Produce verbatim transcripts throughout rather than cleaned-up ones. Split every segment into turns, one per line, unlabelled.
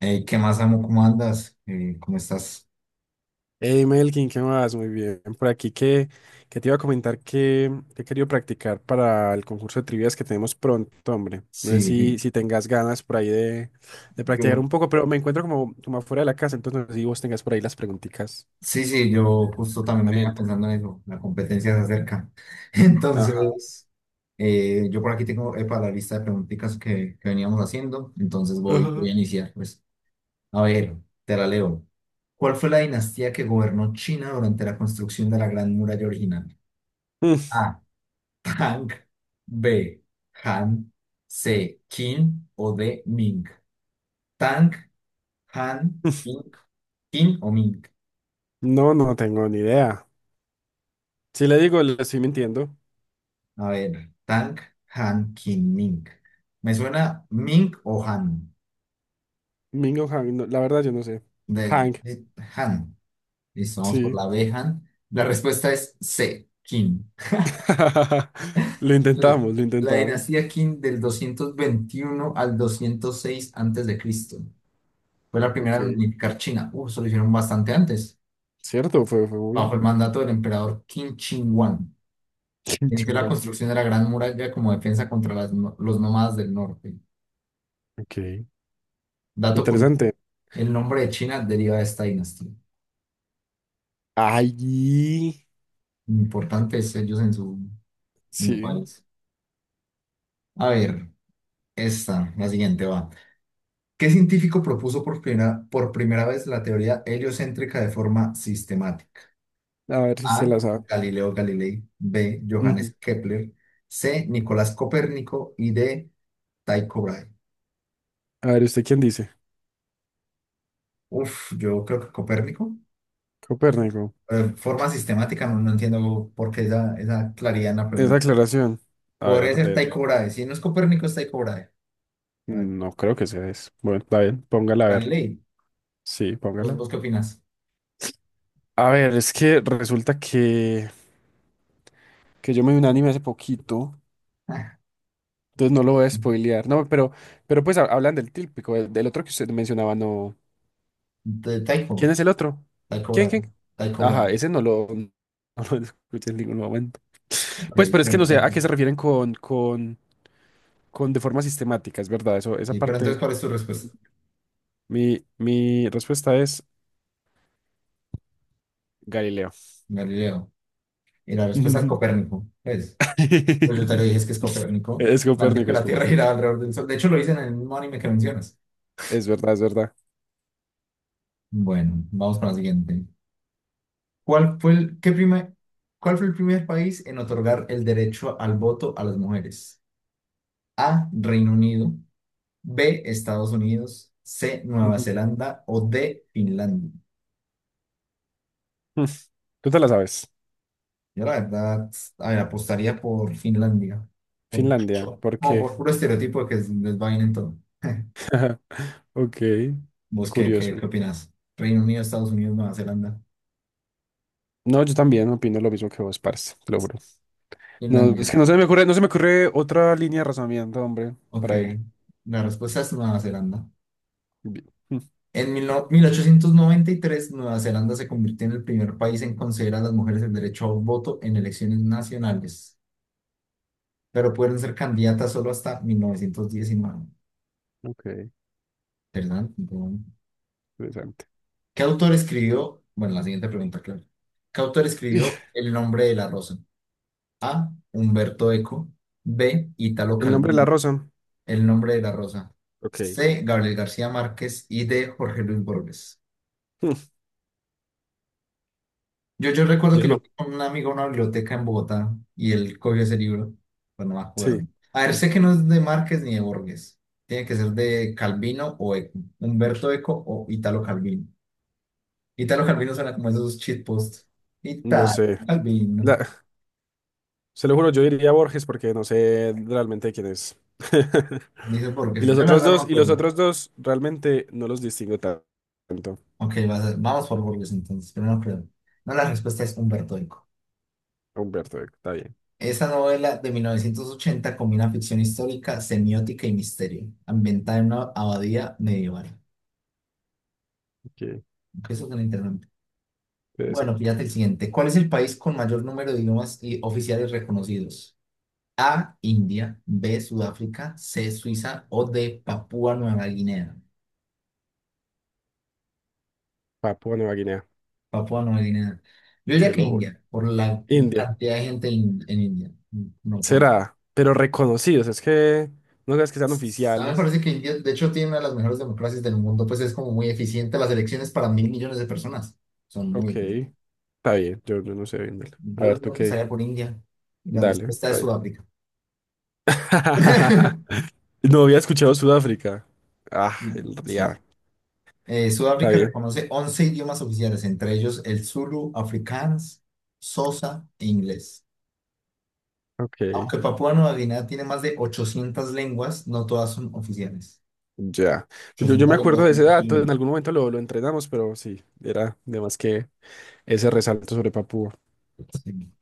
Ey, ¿qué más, amo? ¿Cómo andas? Eh, ¿cómo estás?
Hey Melkin, ¿qué más? Muy bien. Por aquí que, que te iba a comentar que, que he querido practicar para el concurso de trivias que tenemos pronto, hombre. No
Sí,
sé si,
sí,
si tengas ganas por ahí de, de practicar
yo,
un poco, pero me encuentro como, como afuera de la casa, entonces no sé si vos tengas por ahí las preguntitas
sí, sí, yo
de
justo también venía
entrenamiento.
pensando en eso, la competencia se acerca.
Ajá.
Entonces, eh, yo por aquí tengo eh, para la lista de preguntitas que, que veníamos haciendo, entonces voy, voy
Ajá.
a iniciar, pues. A ver, te la leo. ¿Cuál fue la dinastía que gobernó China durante la construcción de la Gran Muralla original?
Mm,
A. Tang, B. Han, C. Qin o D. Ming. Tang, Han, King, King o Ming.
No, no tengo ni idea. Si le digo, le estoy mintiendo.
A ver, Tang, Han, King, Ming. Me suena Ming o Han.
Mingo Hang, no, la verdad yo no sé.
De,
Hang,
de- Han. Listo, vamos por
sí.
la B, Han. La respuesta es C, King.
Lo
L-
intentamos, lo
La
intentamos.
dinastía Qin del doscientos veintiuno al doscientos seis antes de Cristo. Fue la primera
Ok,
en unificar China. Uh, eso lo hicieron bastante antes,
cierto, fue, fue
bajo
muy...
el mandato del emperador Qin Shi Huang.
Kim
Inició la
Chung-won.
construcción de la Gran Muralla como defensa contra las no- los nómadas del norte.
Ok,
Dato curioso.
interesante.
El nombre de China deriva de esta dinastía.
Ay,
Importantes ellos en su, en su
sí.
país. A ver, esta, la siguiente va. ¿Qué científico propuso por primera, por primera vez la teoría heliocéntrica de forma sistemática?
A ver si se
A.
la sabe.
Galileo Galilei. B.
Ujú.
Johannes Kepler. C. Nicolás Copérnico. Y D. Tycho Brahe.
A ver, ¿usted quién dice?
Uf, yo creo que Copérnico.
Copérnico.
Eh, forma sistemática, no, no entiendo por qué esa, esa claridad en la
Esa
pregunta.
aclaración. A
Podría
ver,
ser
de, de-
Tycho Brahe. Si no es Copérnico, es Tycho Brahe. A ver,
no creo que sea eso. Bueno, está bien, póngala a ver.
Galilei.
Sí,
¿Vos,
póngala.
vos qué opinas?
A ver, es que resulta que, que yo me vi un anime hace poquito,
Ah,
entonces no lo voy a spoilear. No, pero, pero pues ha- hablan del típico, del, del otro que usted mencionaba, no.
de Taiko,
¿Quién es el otro?
Taiko
¿Quién,
Bravo,
quién?
Taiko Bravo.
Ajá, ese no lo, no lo escuché en ningún momento.
Ok,
Pues, pero es que
bueno,
no sé a
Taiko.
qué se refieren con, con, con de forma sistemática, es verdad. Eso, esa
Sí, pero
parte,
entonces, ¿cuál es tu respuesta?
mi, mi respuesta es Galileo.
Galileo. Y la respuesta es Copérnico. Pues, pues yo te lo dije, es que es Copérnico.
Es
Planteó
Copérnico,
que
es
la Tierra
Copérnico.
giraba alrededor del Sol. De hecho, lo dicen en el mismo anime que mencionas.
Es verdad, es verdad.
Bueno, vamos con la siguiente. ¿Cuál fue el, qué prima- ¿cuál fue el primer país en otorgar el derecho al voto a las mujeres? A, Reino Unido. B, Estados Unidos. C, Nueva
Ujú.
Zelanda. O D, Finlandia.
Mm, Tú te la sabes.
Yo la verdad, a ver, apostaría por Finlandia. Por,
Finlandia, ¿por
no,
qué?
por puro estereotipo de que les va bien en todo.
Ok,
¿Vos qué, qué,
curioso.
qué opinás? Reino Unido, Estados Unidos, Nueva Zelanda.
No, yo también opino lo mismo que vos, parce, te lo juro. No, es
Finlandia.
que no se me ocurre, no se me ocurre otra línea de razonamiento, hombre,
Ok.
para ello.
La respuesta es Nueva Zelanda.
Bien. Mm,
En mil no- mil ochocientos noventa y tres Nueva Zelanda se convirtió en el primer país en conceder a las mujeres el derecho a voto en elecciones nacionales, pero pueden ser candidatas solo hasta mil novecientos diecinueve.
Ok,
¿Verdad?
interesante.
¿Qué autor escribió? Bueno, la siguiente pregunta, claro. ¿Qué autor
Y,
escribió El nombre de la rosa? A. Humberto Eco. B. Italo
el nombre de la
Calvino.
rosa.
El nombre de la rosa.
Ok.
C. Gabriel García Márquez. Y D. Jorge Luis Borges.
Mm,
Yo, yo recuerdo
yo
que yo
eso
fui con un amigo a una biblioteca en Bogotá y él cogió ese libro, pero no me
sí,
acuerdo. A ver, sé que no es de Márquez ni de Borges. Tiene que ser de Calvino o Eco. Humberto Eco o Italo Calvino. Italo Calvino suena como esos cheat posts.
no
Italo
sé.
Calvino.
La- Se lo juro, yo diría Borges porque no sé realmente quién es.
Dice
Y
burgers.
los
Yo la
otros
verdad no me
dos, y los
acuerdo.
otros dos realmente no los distingo ta- tanto.
Ok, vas- vamos por burgers entonces, pero no creo. No, la respuesta es Humberto Eco.
Humberto, Eco, está bien.
Esa novela de mil novecientos ochenta combina ficción histórica, semiótica y misterio, ambientada en una abadía medieval.
Qué
Aunque eso suena interesante. Bueno,
interesante.
fíjate el siguiente. ¿Cuál es el país con mayor número de idiomas y oficiales reconocidos? A, India, B, Sudáfrica, C, Suiza o D, Papúa Nueva Guinea.
Papua Nueva Guinea,
Papúa Nueva Guinea. Yo diría
se
que
lo juro.
India, por la
India,
cantidad de gente in- en India, no no por...
será, pero reconocidos, es que no creas que sean
A mí me
oficiales.
parece que India, de hecho, tiene una de las mejores democracias del mundo, pues es como muy eficiente las elecciones para mil millones de personas. Son muy
Ok,
eficientes.
está bien, yo, yo no sé bien, dale. A
Yo
ver,
no
tú qué,
pensaría por India. Y la
dale,
respuesta es
está bien.
Sudáfrica.
No había escuchado Sudáfrica. Ah, el
Sí.
día.
Eh,
Está
Sudáfrica
bien.
reconoce once idiomas oficiales, entre ellos el Zulu, Afrikaans, Xhosa e inglés.
Ok.
Aunque Papúa Nueva Guinea tiene más de ochocientas lenguas, no todas son oficiales.
Ya. Pues Yo, yo me
Ochocientas lenguas
acuerdo de
son
ese
muchas
dato, en
lenguas.
algún momento lo, lo entrenamos, pero sí, era de más que ese resalto sobre Papúa.
Sí.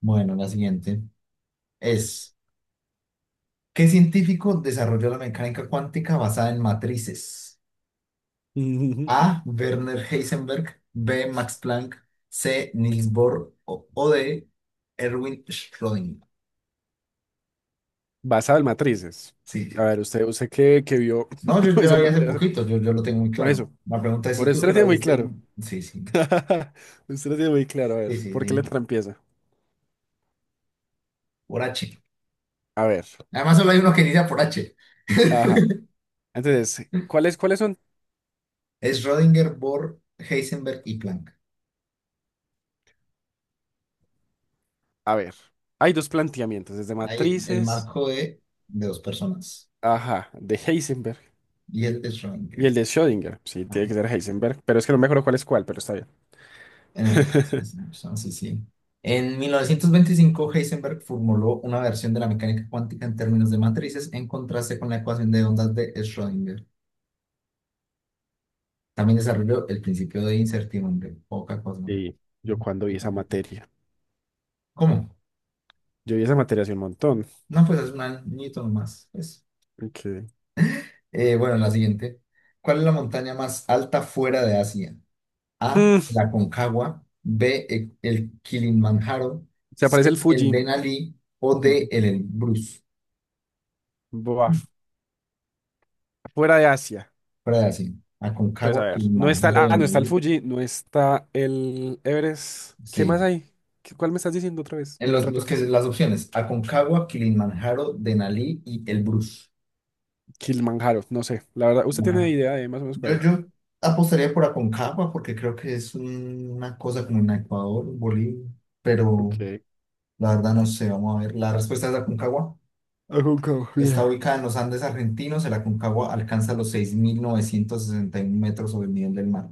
Bueno, la siguiente es. ¿Qué científico desarrolló la mecánica cuántica basada en matrices?
Ujú.
A. Werner Heisenberg, B. Max Planck, C. Niels Bohr o, o D. Erwin Schrödinger.
Basado en matrices.
Sí,
A
sí.
ver, usted, usted que, que vio
No, yo, yo
esa
la vi hace
materia, hace-
poquito, yo, yo lo tengo muy
por
claro.
eso,
La pregunta es
por
si
eso
tú
usted
que
lo
la
tiene muy
viste
claro.
en... Sí, sí,
Usted lo tiene muy claro, a ver,
sí, sí,
¿por qué
sí.
letra empieza?
Por H.
A ver,
Además solo hay uno que inicia por H.
ajá. Entonces, ¿cuáles, cuáles son?
Es Schrödinger, Bohr, Heisenberg y Planck.
A ver, hay dos planteamientos, desde
Hay el
matrices,
marco de, de dos personas.
ajá, de Heisenberg
Y él es Schrödinger.
y el de Schrödinger. Sí, tiene
Ajá.
que ser Heisenberg, pero es que no me acuerdo cuál es cuál, pero está bien.
En efecto, es- son- sí, sí, sí, sí. En mil novecientos veinticinco, Heisenberg formuló una versión de la mecánica cuántica en términos de matrices en contraste con la ecuación de ondas de Schrödinger. También desarrolló el principio de incertidumbre. Poca cosa, ¿no?
Sí, yo cuando vi esa materia.
¿Cómo?
Yo vi esa materia hace un montón.
No, pues es un añito nomás, pues.
Okay.
Eh, bueno, la siguiente. ¿Cuál es la montaña más alta fuera de Asia? A,
Mm,
la Concagua. B, e- el Kilimanjaro.
se
C,
aparece el
el
Fuji.
Denali. O D, el Elbrus.
Buah, fuera de Asia.
Brasil,
Entonces, a
Aconcagua,
ver, no está el,
Kilimanjaro,
ah, no está el
Denali,
Fuji, no está el Everest. ¿Qué más
sí.
hay? ¿Qué- ¿Cuál me estás diciendo otra vez?
En
Me la
los, los que,
repetís.
las opciones, Aconcagua, Kilimanjaro, Denali y Elbrus.
Kilimanjaro, no sé. La verdad, ¿usted tiene
Ajá.
idea de más o menos cuál
Yo,
es?
yo apostaría por Aconcagua porque creo que es un- una cosa como en Ecuador, Bolivia, pero
Ok.
la verdad no sé, vamos a ver. La respuesta es Aconcagua.
Ajunco,
Está
bien.
ubicada en los Andes argentinos, el Aconcagua alcanza los seis mil novecientos sesenta y uno metros sobre el nivel del mar.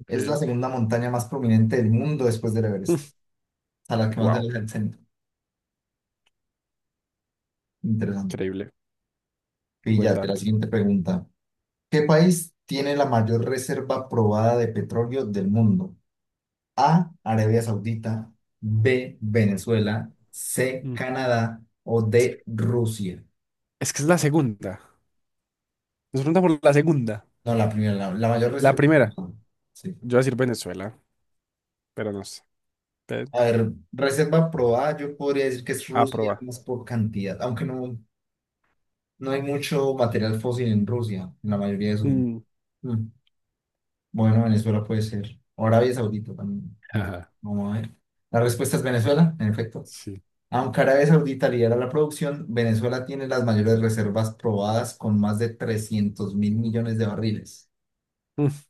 Ok.
Es la segunda montaña más prominente del mundo después del Everest, a la que más se
Wow,
aleja el centro. Interesante.
increíble. Buen
Píllate la
dato.
siguiente pregunta. ¿Qué país tiene la mayor reserva probada de petróleo del mundo? A, Arabia Saudita, B, Venezuela, C,
Mm.
Canadá o D, Rusia.
Es que es la segunda. Nos preguntan por la segunda.
No, la primera, la, la mayor
La
reserva
primera.
probada. Sí.
Yo voy a decir Venezuela, pero no sé.
A ver, reserva probada, yo podría decir que es Rusia
Aproba.
más por cantidad, aunque no, no hay mucho material fósil en Rusia, en la mayoría de su...
Mm,
Mm. Bueno, Venezuela puede ser. O Arabia Saudita también. No,
ajá,
vamos a ver. La respuesta es Venezuela, en efecto.
sí.
Aunque Arabia Saudita lidera la producción, Venezuela tiene las mayores reservas probadas con más de trescientos mil millones de barriles.
Mm.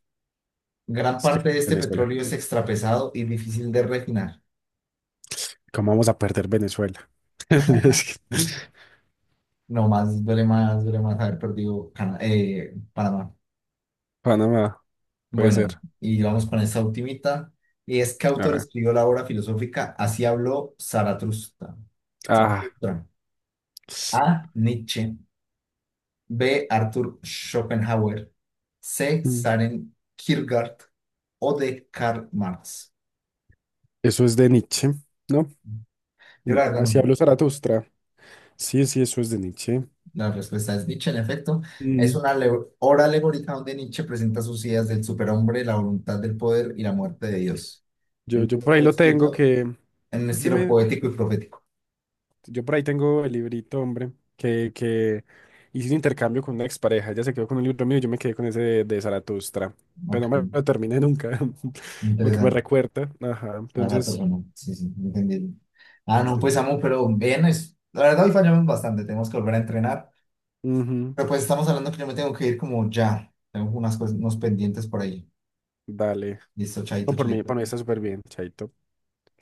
Gran
Es que
parte de este
Venezuela.
petróleo es extrapesado y difícil de refinar.
¿Cómo vamos a perder Venezuela? Es que-
No más, duele más, duele más haber perdido Cana- eh, Panamá.
Panamá, puede
Bueno,
ser.
y vamos con esta ultimita. Y es que
A
autor
ver.
escribió la obra filosófica Así habló Zaratustra.
Ah,
A. Nietzsche. B. Arthur Schopenhauer. C.
mm,
Søren Kierkegaard. O D. Karl Marx.
eso es de Nietzsche, ¿no?
Yo
Mm,
la verdad no sé.
Así habló Zaratustra. Sí, sí, eso es de Nietzsche.
La respuesta es Nietzsche, en efecto. Es
Mm.
una ale- obra alegórica donde Nietzsche presenta sus ideas del superhombre, la voluntad del poder y la muerte de Dios. El
Yo, yo
libro
por ahí
fue
lo tengo
escrito
que...
en un estilo
Dime,
poético y profético.
yo por ahí tengo el librito, hombre, que, que hice un intercambio con una expareja. Ella se quedó con un libro mío y yo me quedé con ese de, de Zaratustra.
Ok,
Pero no me lo terminé nunca, lo que me
interesante.
recuerda. Ajá,
A la
entonces...
persona. Sí, sí, entendí. Ah, no, pues
Entender.
amo, pero bien, es... la verdad hoy fallamos bastante. Tenemos que volver a entrenar.
Ujú,
Pero pues estamos hablando que yo me tengo que ir como ya. Tengo unas cosas, unos pendientes por ahí.
dale.
Listo,
No,
chaito,
por mí,
chulito.
por mí está súper bien, Chaito.